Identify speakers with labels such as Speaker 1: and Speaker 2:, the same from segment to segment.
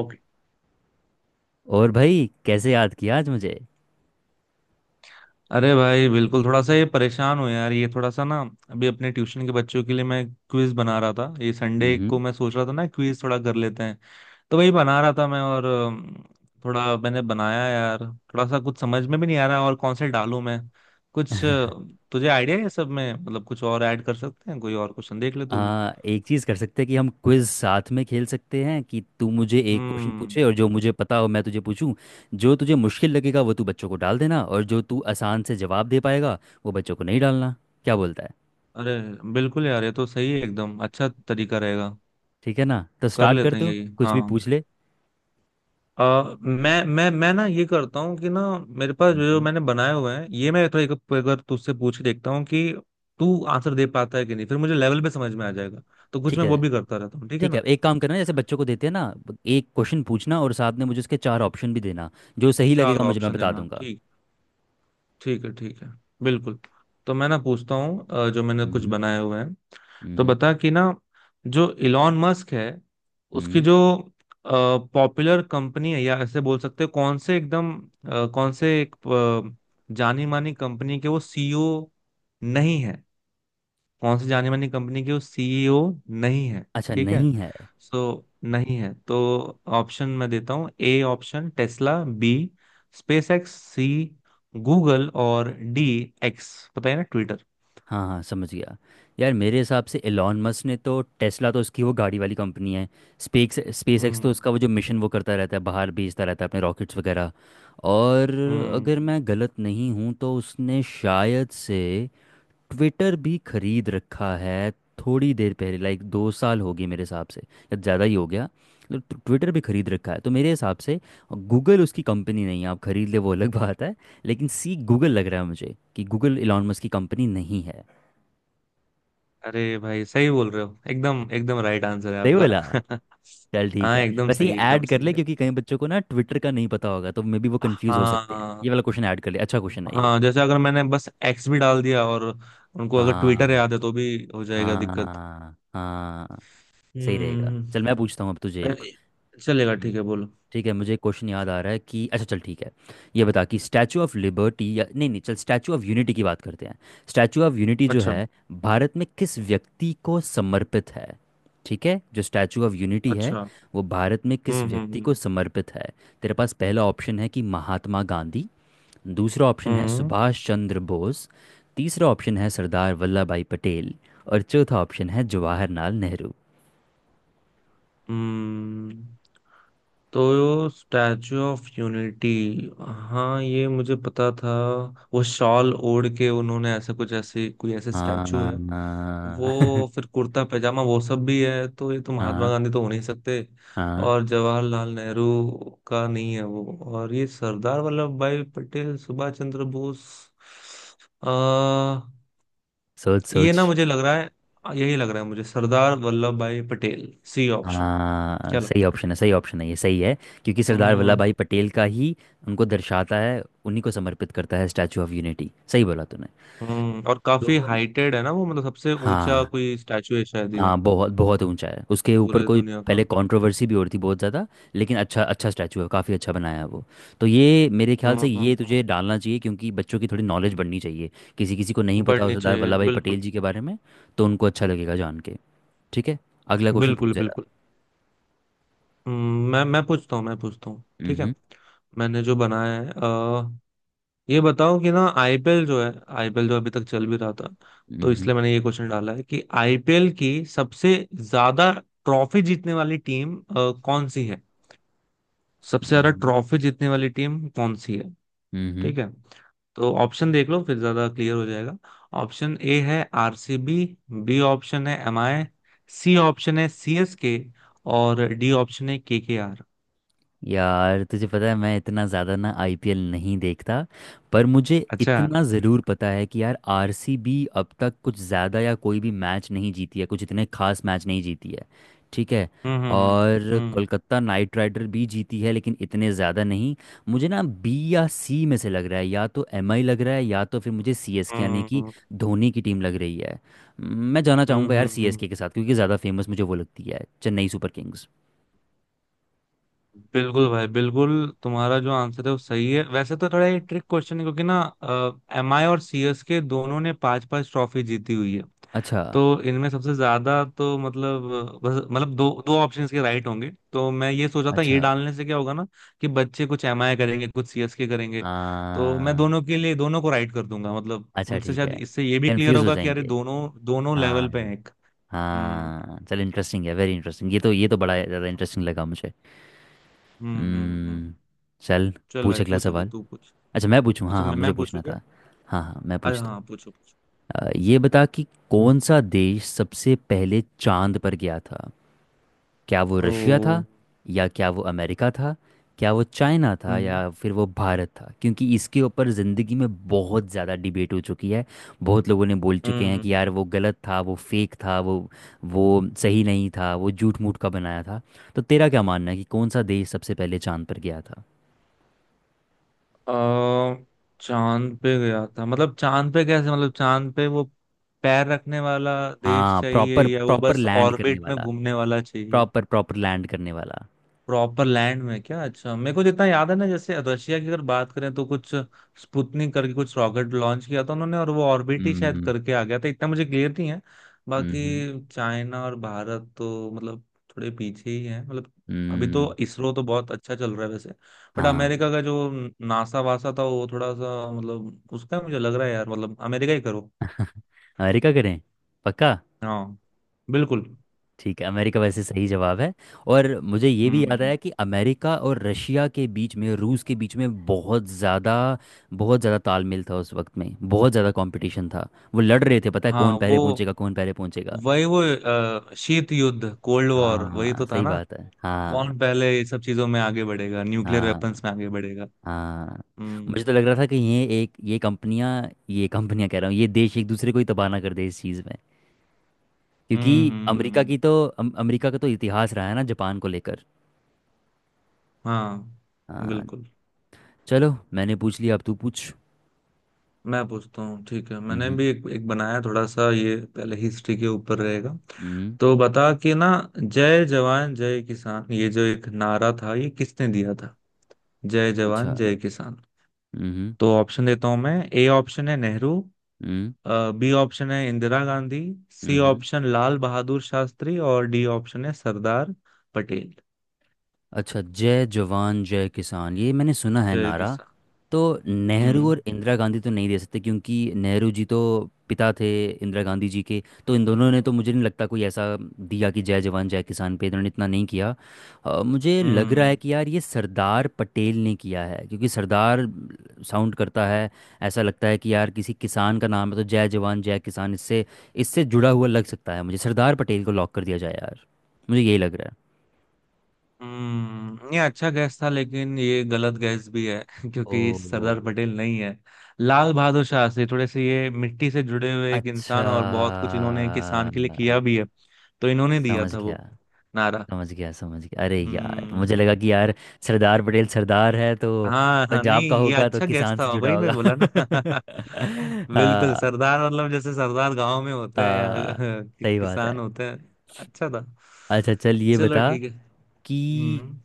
Speaker 1: Okay.
Speaker 2: और भाई कैसे याद किया आज मुझे।
Speaker 1: अरे भाई, बिल्कुल। थोड़ा सा ये परेशान हो यार, ये थोड़ा सा ना। अभी अपने ट्यूशन के बच्चों के लिए मैं क्विज बना रहा था। ये संडे को
Speaker 2: हम्म।
Speaker 1: मैं सोच रहा था ना, क्विज थोड़ा कर लेते हैं। तो वही बना रहा था मैं और थोड़ा मैंने बनाया यार। थोड़ा सा कुछ समझ में भी नहीं आ रहा, और कौन से डालूं मैं कुछ। तुझे आइडिया है सब में? मतलब कुछ और ऐड कर सकते हैं, कोई और क्वेश्चन देख ले तू भी।
Speaker 2: एक चीज़ कर सकते हैं कि हम क्विज साथ में खेल सकते हैं कि तू मुझे एक क्वेश्चन
Speaker 1: हम्म।
Speaker 2: पूछे और जो मुझे पता हो मैं तुझे पूछूं। जो तुझे मुश्किल लगेगा वो तू बच्चों को डाल देना और जो तू आसान से जवाब दे पाएगा वो बच्चों को नहीं डालना। क्या बोलता है।
Speaker 1: अरे बिल्कुल यार, ये तो सही है एकदम, अच्छा तरीका रहेगा।
Speaker 2: ठीक है ना तो
Speaker 1: कर
Speaker 2: स्टार्ट कर
Speaker 1: लेते हैं
Speaker 2: दो
Speaker 1: यही,
Speaker 2: कुछ भी
Speaker 1: हाँ।
Speaker 2: पूछ ले।
Speaker 1: अ मैं ना ये करता हूँ कि ना, मेरे पास जो जो
Speaker 2: हम्म।
Speaker 1: मैंने बनाए हुए हैं ये मैं थोड़ा एक अगर तुझसे पूछ के देखता हूँ कि तू आंसर दे पाता है कि नहीं, फिर मुझे लेवल पे समझ में आ जाएगा। तो कुछ
Speaker 2: ठीक
Speaker 1: मैं
Speaker 2: है
Speaker 1: वो भी करता रहता हूँ, ठीक है
Speaker 2: ठीक है,
Speaker 1: ना।
Speaker 2: एक काम करना जैसे बच्चों को देते हैं ना, एक क्वेश्चन पूछना और साथ में मुझे उसके चार ऑप्शन भी देना। जो सही
Speaker 1: चार
Speaker 2: लगेगा मुझे मैं
Speaker 1: ऑप्शन
Speaker 2: बता
Speaker 1: देना,
Speaker 2: दूंगा।
Speaker 1: ठीक है। ठीक है, ठीक है, बिल्कुल। तो मैं ना पूछता हूँ जो मैंने कुछ
Speaker 2: हम्म।
Speaker 1: बनाए हुए हैं। तो
Speaker 2: हम्म,
Speaker 1: बता कि ना, जो इलॉन मस्क है, उसकी
Speaker 2: हम्म।
Speaker 1: जो पॉपुलर कंपनी है, या ऐसे बोल सकते हो कौन से एकदम कौन से एक जानी मानी कंपनी के वो सीईओ नहीं है। कौन सी जानी मानी कंपनी की वो सीईओ नहीं है?
Speaker 2: अच्छा
Speaker 1: ठीक है।
Speaker 2: नहीं है।
Speaker 1: सो नहीं है तो ऑप्शन मैं देता हूँ। A option Tesla, B SpaceX, C Google और डी एक्स, पता है ना, ट्विटर।
Speaker 2: हाँ हाँ समझ गया। यार मेरे हिसाब से एलॉन मस्क ने तो टेस्ला तो उसकी वो गाड़ी वाली कंपनी है। स्पेस स्पेस एक्स तो
Speaker 1: हम्म।
Speaker 2: उसका वो जो मिशन वो करता रहता है, बाहर भेजता रहता है अपने रॉकेट्स वगैरह। और अगर
Speaker 1: हम्म।
Speaker 2: मैं गलत नहीं हूँ तो उसने शायद से ट्विटर भी खरीद रखा है। थोड़ी देर पहले लाइक दो साल हो गए मेरे हिसाब से या ज़्यादा ही हो गया। मतलब ट्विटर भी खरीद रखा है तो मेरे हिसाब से गूगल उसकी कंपनी नहीं है। आप खरीद ले वो अलग बात है, लेकिन सी गूगल लग रहा है मुझे कि गूगल एलॉन मस्क की कंपनी नहीं है।
Speaker 1: अरे भाई सही बोल रहे हो, एकदम एकदम राइट आंसर है
Speaker 2: सही बोला।
Speaker 1: आपका।
Speaker 2: चल ठीक
Speaker 1: हाँ
Speaker 2: है,
Speaker 1: एकदम
Speaker 2: वैसे ये
Speaker 1: सही, एकदम
Speaker 2: ऐड कर
Speaker 1: सही
Speaker 2: ले
Speaker 1: है।
Speaker 2: क्योंकि कई बच्चों को ना ट्विटर का नहीं पता होगा तो मे बी वो कंफ्यूज हो सकते हैं, ये
Speaker 1: हाँ।
Speaker 2: वाला क्वेश्चन ऐड कर ले, अच्छा क्वेश्चन है ये।
Speaker 1: हाँ, जैसे अगर मैंने बस एक्स भी डाल दिया और उनको अगर ट्विटर
Speaker 2: हाँ
Speaker 1: याद है तो भी हो जाएगा दिक्कत।
Speaker 2: हाँ। हाँ सही रहेगा।
Speaker 1: हम्म।
Speaker 2: चल मैं पूछता हूँ अब तुझे एक।
Speaker 1: अरे, चलेगा ठीक है, बोलो।
Speaker 2: ठीक है, मुझे एक क्वेश्चन याद आ रहा है कि अच्छा चल ठीक है, ये बता कि स्टैचू ऑफ लिबर्टी या नहीं नहीं चल स्टैचू ऑफ यूनिटी की बात करते हैं। स्टैचू ऑफ यूनिटी जो
Speaker 1: अच्छा।
Speaker 2: है भारत में किस व्यक्ति को समर्पित है। ठीक है, जो स्टैचू ऑफ यूनिटी है
Speaker 1: अच्छा।
Speaker 2: वो भारत में
Speaker 1: हम्म।
Speaker 2: किस
Speaker 1: हम्म।
Speaker 2: व्यक्ति को
Speaker 1: हम्म।
Speaker 2: समर्पित है। तेरे पास पहला ऑप्शन है कि महात्मा गांधी, दूसरा ऑप्शन है
Speaker 1: हम्म।
Speaker 2: सुभाष चंद्र बोस, तीसरा ऑप्शन है सरदार वल्लभ भाई पटेल, और चौथा ऑप्शन है जवाहरलाल नेहरू।
Speaker 1: हम्म। तो स्टैचू ऑफ यूनिटी, हाँ ये मुझे पता था। वो शॉल ओढ़ के उन्होंने ऐसा कुछ, ऐसे कोई ऐसे
Speaker 2: हाँ
Speaker 1: स्टैचू है। वो
Speaker 2: हाँ।
Speaker 1: फिर कुर्ता पैजामा वो सब भी है, तो ये तो महात्मा
Speaker 2: हाँ
Speaker 1: गांधी तो हो नहीं सकते।
Speaker 2: हाँ।
Speaker 1: और जवाहरलाल नेहरू का नहीं है वो। और ये सरदार वल्लभ भाई पटेल, सुभाष चंद्र बोस,
Speaker 2: सोच
Speaker 1: ये
Speaker 2: सोच।
Speaker 1: ना मुझे लग रहा है, यही लग रहा है मुझे, सरदार वल्लभ भाई पटेल सी ऑप्शन।
Speaker 2: हाँ
Speaker 1: क्या
Speaker 2: सही
Speaker 1: लगता
Speaker 2: ऑप्शन है, सही ऑप्शन है, ये सही है। क्योंकि
Speaker 1: है?
Speaker 2: सरदार
Speaker 1: हम्म।
Speaker 2: वल्लभ भाई पटेल का ही उनको दर्शाता है, उन्हीं को समर्पित करता है स्टैचू ऑफ यूनिटी। सही बोला तूने।
Speaker 1: हम्म। और काफी
Speaker 2: तो
Speaker 1: हाइटेड है ना वो, मतलब सबसे ऊंचा
Speaker 2: हाँ।
Speaker 1: कोई स्टैचू है शायद ये,
Speaker 2: हाँ बहुत बहुत ऊंचा है, उसके ऊपर
Speaker 1: पूरे
Speaker 2: कोई
Speaker 1: दुनिया का।
Speaker 2: पहले कंट्रोवर्सी भी हो रही थी बहुत ज़्यादा। लेकिन अच्छा अच्छा स्टैचू है, काफ़ी अच्छा बनाया है वो। तो ये मेरे ख्याल
Speaker 1: हम्म।
Speaker 2: से ये
Speaker 1: हम्म। हम्म।
Speaker 2: तुझे डालना चाहिए क्योंकि बच्चों की थोड़ी नॉलेज बढ़नी चाहिए। किसी किसी को नहीं पता हो
Speaker 1: बढ़नी
Speaker 2: सरदार
Speaker 1: चाहिए
Speaker 2: वल्लभ भाई
Speaker 1: बिल्कुल।
Speaker 2: पटेल जी के बारे में तो उनको अच्छा लगेगा जान के। ठीक है, अगला क्वेश्चन पूछ
Speaker 1: बिल्कुल।
Speaker 2: जरा।
Speaker 1: बिल्कुल। हम्म। मैं पूछता हूँ, मैं पूछता हूँ,
Speaker 2: हम्म
Speaker 1: ठीक है।
Speaker 2: हम्म
Speaker 1: मैंने जो बनाया है, ये बताओ कि ना, आईपीएल जो है, आईपीएल जो अभी तक चल भी रहा था,
Speaker 2: हम्म,
Speaker 1: तो इसलिए
Speaker 2: हम्म।
Speaker 1: मैंने ये क्वेश्चन डाला है कि आईपीएल की सबसे ज्यादा ट्रॉफी जीतने वाली टीम कौन सी है। सबसे ज्यादा
Speaker 2: हम्म
Speaker 1: ट्रॉफी जीतने वाली टीम कौन सी है?
Speaker 2: हम्म।
Speaker 1: ठीक है, तो ऑप्शन देख लो, फिर ज्यादा क्लियर हो जाएगा। ऑप्शन ए है आरसीबी, बी ऑप्शन है एमआई, सी ऑप्शन है सीएसके और डी ऑप्शन है केकेआर।
Speaker 2: यार तुझे पता है मैं इतना ज़्यादा ना आईपीएल नहीं देखता। पर मुझे
Speaker 1: अच्छा।
Speaker 2: इतना ज़रूर पता है कि यार आरसीबी अब तक कुछ ज़्यादा या कोई भी मैच नहीं जीती है, कुछ इतने खास मैच नहीं जीती है। ठीक है।
Speaker 1: हम्म। हम्म।
Speaker 2: और
Speaker 1: हम्म।
Speaker 2: कोलकाता नाइट राइडर भी जीती है लेकिन इतने ज़्यादा नहीं। मुझे ना बी या सी में से लग रहा है, या तो एमआई लग रहा है या तो फिर मुझे सीएसके यानी
Speaker 1: हम्म।
Speaker 2: कि
Speaker 1: हम्म।
Speaker 2: धोनी की टीम लग रही है। मैं जाना
Speaker 1: हम्म।
Speaker 2: चाहूँगा यार
Speaker 1: हम्म। हम्म। हम्म।
Speaker 2: सीएसके के साथ क्योंकि ज़्यादा फेमस मुझे वो लगती है, चेन्नई सुपर किंग्स।
Speaker 1: बिल्कुल भाई, बिल्कुल। तुम्हारा जो आंसर है वो सही है वैसे, तो थोड़ा ये ट्रिक क्वेश्चन है क्योंकि ना एमआई और सीएसके दोनों ने पांच पांच ट्रॉफी जीती हुई है।
Speaker 2: अच्छा।
Speaker 1: तो इनमें सबसे ज्यादा तो मतलब, बस मतलब दो दो ऑप्शंस के राइट होंगे, तो मैं ये सोचा था ये
Speaker 2: अच्छा
Speaker 1: डालने से क्या होगा ना, कि बच्चे कुछ एमआई करेंगे कुछ सीएसके करेंगे।
Speaker 2: आ,
Speaker 1: तो मैं दोनों के लिए दोनों को राइट कर दूंगा, मतलब
Speaker 2: अच्छा
Speaker 1: उनसे
Speaker 2: ठीक
Speaker 1: शायद
Speaker 2: है,
Speaker 1: इससे ये भी क्लियर
Speaker 2: कंफ्यूज हो
Speaker 1: होगा कि अरे
Speaker 2: जाएंगे।
Speaker 1: दोनों दोनों
Speaker 2: हाँ।
Speaker 1: लेवल पे हैं एक। हम्म।
Speaker 2: हाँ चल इंटरेस्टिंग है, वेरी इंटरेस्टिंग, ये तो बड़ा ज़्यादा इंटरेस्टिंग लगा मुझे।
Speaker 1: हम्म। हम्म। हम्म।
Speaker 2: हम्म,
Speaker 1: हम्म।
Speaker 2: चल।
Speaker 1: चल
Speaker 2: पूछ
Speaker 1: भाई
Speaker 2: अगला
Speaker 1: पूछ, अभी
Speaker 2: सवाल।
Speaker 1: तू पूछ।
Speaker 2: अच्छा मैं पूछूँ, हाँ
Speaker 1: अच्छा
Speaker 2: हाँ
Speaker 1: मैं
Speaker 2: मुझे
Speaker 1: मैं पूछू।
Speaker 2: पूछना था। हाँ हाँ मैं
Speaker 1: अरे
Speaker 2: पूछता
Speaker 1: हाँ, पूछो पूछो।
Speaker 2: हूँ। ये बता कि कौन सा देश सबसे पहले चांद पर गया था। क्या वो रशिया था,
Speaker 1: ओ।
Speaker 2: या क्या वो अमेरिका था, क्या वो चाइना था,
Speaker 1: हम्म।
Speaker 2: या फिर वो भारत था, क्योंकि इसके ऊपर ज़िंदगी में बहुत ज़्यादा डिबेट हो चुकी है। बहुत लोगों ने बोल चुके हैं कि
Speaker 1: हम्म।
Speaker 2: यार वो गलत था, वो फेक था, वो सही नहीं था, वो झूठ मूठ का बनाया था। तो तेरा क्या मानना है कि कौन सा देश सबसे पहले चांद पर गया था।
Speaker 1: अ, चांद पे गया था मतलब? चांद पे कैसे? मतलब चांद पे वो पैर रखने वाला देश
Speaker 2: हाँ
Speaker 1: चाहिए
Speaker 2: प्रॉपर
Speaker 1: या वो
Speaker 2: प्रॉपर
Speaker 1: बस
Speaker 2: लैंड करने
Speaker 1: ऑर्बिट में
Speaker 2: वाला,
Speaker 1: घूमने वाला चाहिए?
Speaker 2: प्रॉपर प्रॉपर लैंड करने वाला।
Speaker 1: प्रॉपर लैंड में क्या? अच्छा, मेरे को जितना याद है ना, जैसे रशिया की अगर बात करें तो कुछ स्पुतनिक करके कुछ रॉकेट लॉन्च किया था उन्होंने और वो ऑर्बिट ही शायद
Speaker 2: हम्म
Speaker 1: करके आ गया था, इतना मुझे क्लियर नहीं है।
Speaker 2: हम्म।
Speaker 1: बाकी चाइना और भारत तो मतलब थोड़े पीछे ही है मतलब। अभी
Speaker 2: हम्म,
Speaker 1: तो इसरो तो बहुत अच्छा चल रहा है वैसे। बट
Speaker 2: हाँ।
Speaker 1: अमेरिका का जो नासा वासा था वो थोड़ा सा मतलब, उसका मुझे लग रहा है यार, मतलब अमेरिका ही करो।
Speaker 2: अमेरिका करें, पक्का।
Speaker 1: हाँ, बिल्कुल।
Speaker 2: ठीक है अमेरिका वैसे सही जवाब है। और मुझे ये भी याद
Speaker 1: हम्म।
Speaker 2: आया कि अमेरिका और रशिया के बीच में, रूस के बीच में बहुत ज़्यादा, बहुत ज़्यादा तालमेल था उस वक्त में, बहुत ज़्यादा कंपटीशन था। वो लड़ रहे थे पता है
Speaker 1: हाँ
Speaker 2: कौन पहले
Speaker 1: वो,
Speaker 2: पहुंचेगा, कौन पहले पहुंचेगा।
Speaker 1: वही वो शीत युद्ध, कोल्ड वॉर, वही
Speaker 2: हाँ
Speaker 1: तो था
Speaker 2: सही
Speaker 1: ना।
Speaker 2: बात है। हाँ
Speaker 1: कौन पहले ये सब चीजों में आगे बढ़ेगा, न्यूक्लियर
Speaker 2: हाँ
Speaker 1: वेपन्स में आगे बढ़ेगा।
Speaker 2: हाँ। मुझे
Speaker 1: हम्म।
Speaker 2: तो लग रहा था कि ये एक ये कंपनियां, ये कंपनियां कह रहा हूँ ये देश एक दूसरे को ही तबाह ना कर दे इस चीज़ में।
Speaker 1: हम्म।
Speaker 2: क्योंकि अमेरिका
Speaker 1: हम्म।
Speaker 2: की तो अमेरिका का तो इतिहास रहा है ना जापान को लेकर।
Speaker 1: हाँ,
Speaker 2: हाँ।
Speaker 1: बिल्कुल।
Speaker 2: चलो मैंने पूछ लिया अब तू पूछ।
Speaker 1: मैं पूछता हूँ ठीक है, मैंने
Speaker 2: हम्म
Speaker 1: भी एक बनाया थोड़ा सा, ये पहले हिस्ट्री के ऊपर रहेगा।
Speaker 2: हम्म।
Speaker 1: तो बता कि ना, जय जवान जय किसान ये जो एक नारा था ये किसने दिया था? जय
Speaker 2: अच्छा।
Speaker 1: जवान जय किसान।
Speaker 2: हम्म
Speaker 1: तो ऑप्शन देता हूँ मैं। ए ऑप्शन है नेहरू,
Speaker 2: हम्म
Speaker 1: बी ऑप्शन है इंदिरा गांधी, सी
Speaker 2: हम्म।
Speaker 1: ऑप्शन लाल बहादुर शास्त्री और डी ऑप्शन है सरदार पटेल।
Speaker 2: अच्छा जय जवान जय किसान ये मैंने सुना है
Speaker 1: जय
Speaker 2: नारा।
Speaker 1: किसान।
Speaker 2: तो नेहरू
Speaker 1: हम्म।
Speaker 2: और इंदिरा गांधी तो नहीं दे सकते क्योंकि नेहरू जी तो पिता थे इंदिरा गांधी जी के, तो इन दोनों ने तो मुझे नहीं लगता कोई ऐसा दिया कि जय जवान जय किसान पे इन्होंने इतना नहीं किया। मुझे लग रहा है
Speaker 1: हम्म।
Speaker 2: कि यार ये सरदार पटेल ने किया है क्योंकि सरदार साउंड करता है। ऐसा लगता है कि यार किसी किसान का नाम है तो जय जवान जय किसान, इससे इससे जुड़ा हुआ लग सकता है, मुझे सरदार पटेल को लॉक कर दिया जाए यार। मुझे यही लग रहा है।
Speaker 1: हम्म। ये अच्छा गैस था, लेकिन ये गलत गैस भी है
Speaker 2: ओ
Speaker 1: क्योंकि सरदार पटेल नहीं है। लाल बहादुर शास्त्री थोड़े से ये मिट्टी से जुड़े हुए एक
Speaker 2: अच्छा।
Speaker 1: इंसान और बहुत कुछ इन्होंने किसान के लिए किया भी है, तो इन्होंने दिया
Speaker 2: समझ
Speaker 1: था
Speaker 2: गया,
Speaker 1: वो नारा।
Speaker 2: समझ गया, समझ गया। अरे यार मुझे लगा
Speaker 1: हम्म।
Speaker 2: कि यार सरदार पटेल सरदार है तो
Speaker 1: हाँ हाँ,
Speaker 2: पंजाब का
Speaker 1: नहीं ये
Speaker 2: होगा तो
Speaker 1: अच्छा गैस
Speaker 2: किसान
Speaker 1: था,
Speaker 2: से जुड़ा
Speaker 1: वही मैं
Speaker 2: होगा।
Speaker 1: बोला ना। बिल्कुल,
Speaker 2: हाँ
Speaker 1: सरदार मतलब जैसे सरदार गांव में होते हैं
Speaker 2: हाँ
Speaker 1: या
Speaker 2: सही बात है।
Speaker 1: किसान होते हैं। अच्छा था।
Speaker 2: अच्छा चल ये
Speaker 1: चलो
Speaker 2: बता
Speaker 1: ठीक है।
Speaker 2: कि
Speaker 1: हम्म।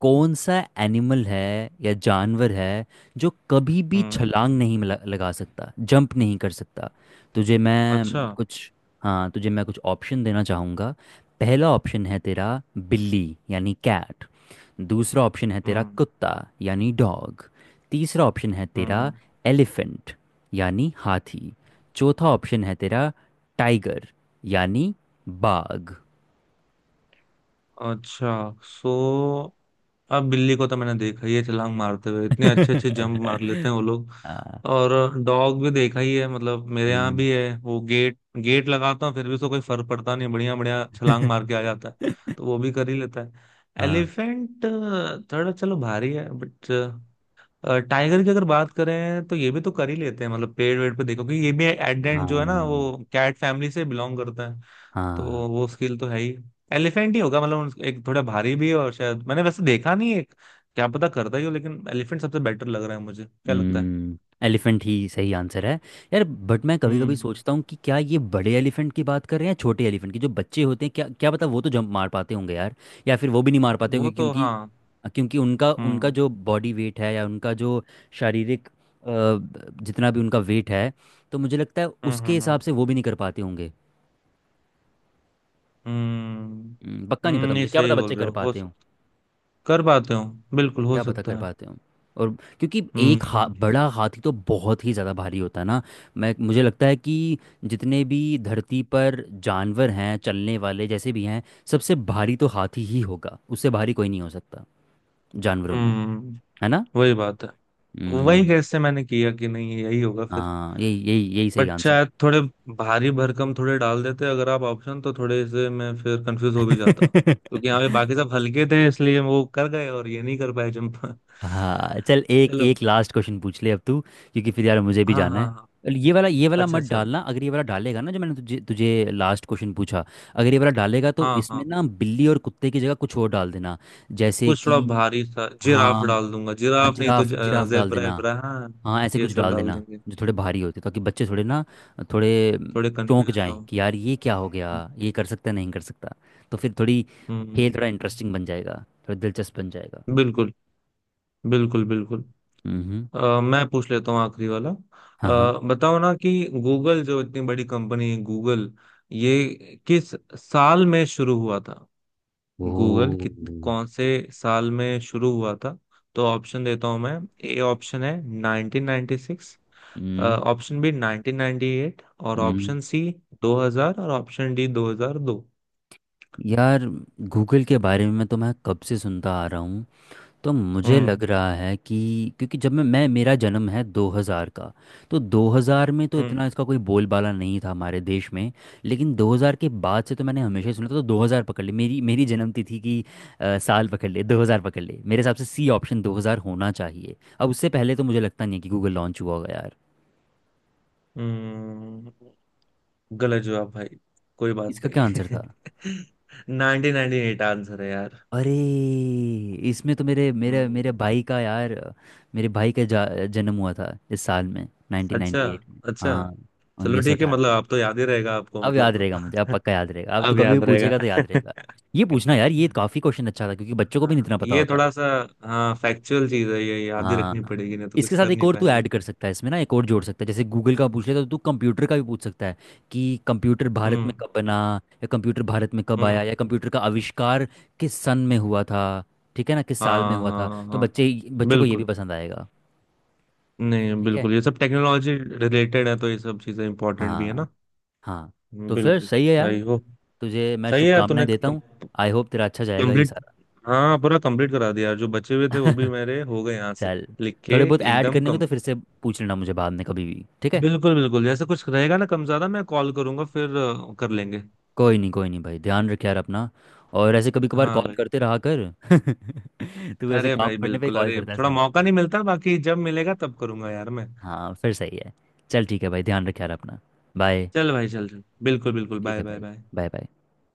Speaker 2: कौन सा एनिमल है या जानवर है जो कभी भी
Speaker 1: हम्म।
Speaker 2: छलांग नहीं लगा सकता, जंप नहीं कर सकता। तुझे मैं
Speaker 1: अच्छा।
Speaker 2: कुछ, हाँ तुझे मैं कुछ ऑप्शन देना चाहूँगा। पहला ऑप्शन है तेरा बिल्ली यानी कैट, दूसरा ऑप्शन है तेरा
Speaker 1: हम्म।
Speaker 2: कुत्ता यानी डॉग, तीसरा ऑप्शन है तेरा
Speaker 1: हम्म।
Speaker 2: एलिफेंट यानी हाथी, चौथा ऑप्शन है तेरा टाइगर यानी बाघ।
Speaker 1: अच्छा। सो अब बिल्ली को तो मैंने देखा ही है छलांग मारते हुए, इतने अच्छे अच्छे जंप मार लेते हैं वो लोग।
Speaker 2: हाँ,
Speaker 1: और डॉग भी देखा ही है, मतलब मेरे यहाँ
Speaker 2: हम्म,
Speaker 1: भी है वो, गेट गेट लगाता हूँ फिर भी उसको कोई फर्क पड़ता नहीं, बढ़िया बढ़िया छलांग मार के आ जाता है। तो वो भी कर ही लेता है।
Speaker 2: हाँ
Speaker 1: एलिफेंट थोड़ा, चलो भारी है बट टाइगर की अगर बात करें तो ये भी तो कर ही लेते हैं, मतलब पेड़ वेड़ पे देखो, कि ये भी एडेंट जो है ना
Speaker 2: हाँ
Speaker 1: वो कैट फैमिली से बिलोंग करता है।
Speaker 2: हाँ।
Speaker 1: तो वो स्किल तो है ही। एलिफेंट ही होगा, मतलब एक थोड़ा भारी भी है और शायद मैंने वैसे देखा नहीं है, एक क्या पता करता ही हो, लेकिन एलिफेंट सबसे बेटर लग रहा है मुझे, क्या लगता है।
Speaker 2: हम्म। एलिफेंट ही सही आंसर है यार। बट मैं कभी कभी
Speaker 1: हम्म।
Speaker 2: सोचता हूँ कि क्या ये बड़े एलिफेंट की बात कर रहे हैं या छोटे एलिफेंट की जो बच्चे होते हैं, क्या क्या पता वो तो जंप मार पाते होंगे यार। या फिर वो भी नहीं मार पाते होंगे
Speaker 1: वो तो
Speaker 2: क्योंकि,
Speaker 1: हाँ।
Speaker 2: क्योंकि उनका उनका
Speaker 1: हम्म।
Speaker 2: जो बॉडी वेट है या उनका जो शारीरिक जितना भी उनका वेट है तो मुझे लगता है
Speaker 1: हम्म।
Speaker 2: उसके
Speaker 1: हम्म।
Speaker 2: हिसाब
Speaker 1: हम्म।
Speaker 2: से वो भी नहीं कर पाते होंगे।
Speaker 1: हम्म।
Speaker 2: पक्का नहीं
Speaker 1: हम्म।
Speaker 2: पता
Speaker 1: नहीं
Speaker 2: मुझे, क्या पता
Speaker 1: सही बोल
Speaker 2: बच्चे
Speaker 1: रहे
Speaker 2: कर
Speaker 1: हो,
Speaker 2: पाते।
Speaker 1: कर पाते हो, बिल्कुल हो
Speaker 2: क्या पता
Speaker 1: सकता
Speaker 2: कर
Speaker 1: है।
Speaker 2: पाते हो। और क्योंकि एक
Speaker 1: हम्म।
Speaker 2: बड़ा हाथी तो बहुत ही ज़्यादा भारी होता है ना। मैं मुझे लगता है कि जितने भी धरती पर जानवर हैं चलने वाले जैसे भी हैं, सबसे भारी तो हाथी ही होगा, उससे भारी कोई नहीं हो सकता जानवरों में।
Speaker 1: हम्म। हम्म।
Speaker 2: है ना।
Speaker 1: वही बात है। वही
Speaker 2: हम्म।
Speaker 1: कैसे मैंने किया कि नहीं, यही होगा फिर।
Speaker 2: हाँ यही यही यही सही
Speaker 1: बट
Speaker 2: आंसर
Speaker 1: शायद थोड़े भारी भरकम थोड़े डाल देते अगर आप ऑप्शन, तो थोड़े से मैं फिर कंफ्यूज हो भी जाता क्योंकि यहाँ पे
Speaker 2: है।
Speaker 1: बाकी सब हल्के थे, इसलिए वो कर गए और ये नहीं कर पाए जंप।
Speaker 2: हाँ चल एक
Speaker 1: चलो।
Speaker 2: एक लास्ट क्वेश्चन पूछ ले अब तू, क्योंकि फिर यार मुझे भी
Speaker 1: हाँ
Speaker 2: जाना
Speaker 1: हाँ
Speaker 2: है।
Speaker 1: हाँ।
Speaker 2: चल, ये वाला
Speaker 1: अच्छा
Speaker 2: मत
Speaker 1: अच्छा।
Speaker 2: डालना, अगर ये वाला डालेगा ना जो मैंने तुझे तुझे लास्ट क्वेश्चन पूछा, अगर ये वाला डालेगा तो
Speaker 1: हाँ
Speaker 2: इसमें
Speaker 1: हाँ।
Speaker 2: ना बिल्ली और कुत्ते की जगह कुछ और डाल देना। जैसे
Speaker 1: कुछ
Speaker 2: कि,
Speaker 1: थोड़ा भारी सा, जिराफ
Speaker 2: हाँ
Speaker 1: डाल दूंगा,
Speaker 2: हाँ
Speaker 1: जिराफ नहीं तो
Speaker 2: जिराफ जिराफ डाल
Speaker 1: जेबरा
Speaker 2: देना,
Speaker 1: एबरा, हाँ
Speaker 2: हाँ ऐसे
Speaker 1: ये
Speaker 2: कुछ
Speaker 1: सब
Speaker 2: डाल
Speaker 1: डाल
Speaker 2: देना
Speaker 1: देंगे।
Speaker 2: जो थोड़े भारी होते ताकि बच्चे थोड़े ना, थोड़े
Speaker 1: थोड़े
Speaker 2: चौंक
Speaker 1: कंफ्यूज
Speaker 2: जाएं
Speaker 1: हो।
Speaker 2: कि यार ये क्या हो गया,
Speaker 1: हम्म।
Speaker 2: ये कर सकता है, नहीं कर सकता। तो फिर थोड़ी
Speaker 1: हम्म।
Speaker 2: खेल थोड़ा
Speaker 1: हम्म।
Speaker 2: इंटरेस्टिंग बन जाएगा, थोड़ा दिलचस्प बन जाएगा।
Speaker 1: हम्म। बिल्कुल। बिल्कुल बिल्कुल।
Speaker 2: हम्म हम्म,
Speaker 1: मैं पूछ लेता हूँ आखिरी वाला।
Speaker 2: हाँ हाँ।
Speaker 1: बताओ ना कि गूगल जो इतनी बड़ी कंपनी है गूगल, ये किस साल में शुरू हुआ था?
Speaker 2: ओ
Speaker 1: गूगल कित
Speaker 2: हम्म।
Speaker 1: कौन से साल में शुरू हुआ था? तो ऑप्शन देता हूँ मैं। ए ऑप्शन है 1996, ऑप्शन बी 1998 और
Speaker 2: हम्म
Speaker 1: ऑप्शन सी 2000 और ऑप्शन डी 2002।
Speaker 2: यार गूगल के बारे में मैं तो मैं कब से सुनता आ रहा हूँ। तो मुझे लग
Speaker 1: हम्म।
Speaker 2: रहा है कि क्योंकि जब मैं मेरा जन्म है 2000 का, तो 2000 में तो इतना
Speaker 1: हम्म।
Speaker 2: इसका कोई बोलबाला नहीं था हमारे देश में। लेकिन 2000 के बाद से तो मैंने हमेशा ही सुना था, तो 2000 पकड़ ले, मेरी मेरी जन्मतिथि की थी कि साल पकड़ ले, 2000 पकड़ ले, मेरे हिसाब से सी ऑप्शन 2000 होना चाहिए। अब उससे पहले तो मुझे लगता नहीं है कि गूगल लॉन्च हुआ होगा यार।
Speaker 1: हम्म। गलत जवाब भाई, कोई बात
Speaker 2: इसका क्या आंसर
Speaker 1: नहीं।
Speaker 2: था?
Speaker 1: 1998 आंसर है यार।
Speaker 2: अरे, इसमें तो मेरे मेरे मेरे
Speaker 1: हम्म।
Speaker 2: भाई का यार, मेरे भाई का जन्म हुआ था इस साल में,
Speaker 1: अच्छा।
Speaker 2: 1998 में।
Speaker 1: अच्छा
Speaker 2: हाँ,
Speaker 1: चलो
Speaker 2: उन्नीस सौ
Speaker 1: ठीक है, मतलब
Speaker 2: अठानवे।
Speaker 1: आप तो याद ही रहेगा आपको
Speaker 2: अब याद
Speaker 1: मतलब।
Speaker 2: रहेगा मुझे, अब पक्का याद रहेगा, अब तो
Speaker 1: अब
Speaker 2: कभी
Speaker 1: याद
Speaker 2: भी पूछेगा तो
Speaker 1: रहेगा।
Speaker 2: याद रहेगा। ये पूछना यार, ये काफ़ी क्वेश्चन अच्छा था क्योंकि बच्चों को भी नहीं इतना
Speaker 1: हाँ,
Speaker 2: पता
Speaker 1: ये
Speaker 2: होता।
Speaker 1: थोड़ा सा, हाँ फैक्चुअल चीज है ये, याद ही रखनी
Speaker 2: हाँ
Speaker 1: पड़ेगी नहीं तो कुछ
Speaker 2: इसके साथ
Speaker 1: कर
Speaker 2: एक
Speaker 1: नहीं
Speaker 2: और तू
Speaker 1: पाएंगे।
Speaker 2: ऐड कर सकता है, इसमें ना एक और जोड़ सकता है, जैसे गूगल का पूछ ले तो तू कंप्यूटर का भी पूछ सकता है कि कंप्यूटर भारत में
Speaker 1: हम्म।
Speaker 2: कब बना, या कंप्यूटर भारत में कब आया,
Speaker 1: हम्म।
Speaker 2: या कंप्यूटर का आविष्कार किस सन में हुआ था। ठीक है ना, किस साल में
Speaker 1: हाँ
Speaker 2: हुआ था,
Speaker 1: हाँ
Speaker 2: तो
Speaker 1: हाँ हाँ।
Speaker 2: बच्चे बच्चों को ये भी
Speaker 1: बिल्कुल।
Speaker 2: पसंद आएगा।
Speaker 1: नहीं
Speaker 2: ठीक है।
Speaker 1: बिल्कुल, ये सब टेक्नोलॉजी रिलेटेड है तो ये सब चीजें इंपॉर्टेंट भी है ना।
Speaker 2: हाँ हाँ। तो फिर
Speaker 1: बिल्कुल
Speaker 2: सही है यार,
Speaker 1: भाई, हो
Speaker 2: तुझे मैं
Speaker 1: सही है यार
Speaker 2: शुभकामनाएं
Speaker 1: तूने,
Speaker 2: देता हूँ, आई होप तेरा अच्छा जाएगा ये
Speaker 1: कंप्लीट।
Speaker 2: सारा।
Speaker 1: हाँ, पूरा कंप्लीट करा दिया, जो बचे हुए थे वो भी मेरे हो गए यहाँ से
Speaker 2: चल,
Speaker 1: लिख
Speaker 2: थोड़े
Speaker 1: के।
Speaker 2: बहुत ऐड
Speaker 1: एकदम
Speaker 2: करने को तो
Speaker 1: कम।
Speaker 2: फिर से पूछ लेना मुझे बाद में कभी भी, ठीक है।
Speaker 1: बिल्कुल बिल्कुल, जैसे कुछ रहेगा ना कम ज्यादा, मैं कॉल करूंगा फिर कर लेंगे।
Speaker 2: कोई नहीं, कोई नहीं भाई, ध्यान रख यार अपना, और ऐसे कभी कभार
Speaker 1: हाँ
Speaker 2: कॉल
Speaker 1: भाई।
Speaker 2: करते रहा कर। तू ऐसे
Speaker 1: अरे
Speaker 2: काम
Speaker 1: भाई
Speaker 2: पड़ने पे
Speaker 1: बिल्कुल,
Speaker 2: कॉल
Speaker 1: अरे
Speaker 2: करता है
Speaker 1: थोड़ा मौका
Speaker 2: सिर्फ।
Speaker 1: नहीं मिलता, बाकी जब मिलेगा तब करूंगा यार मैं।
Speaker 2: हाँ फिर सही है। चल ठीक है भाई, ध्यान रख यार अपना। बाय।
Speaker 1: चल भाई, चल चल, बिल्कुल बिल्कुल,
Speaker 2: ठीक
Speaker 1: बाय
Speaker 2: है
Speaker 1: बाय
Speaker 2: भाई,
Speaker 1: बाय।
Speaker 2: Bye bye.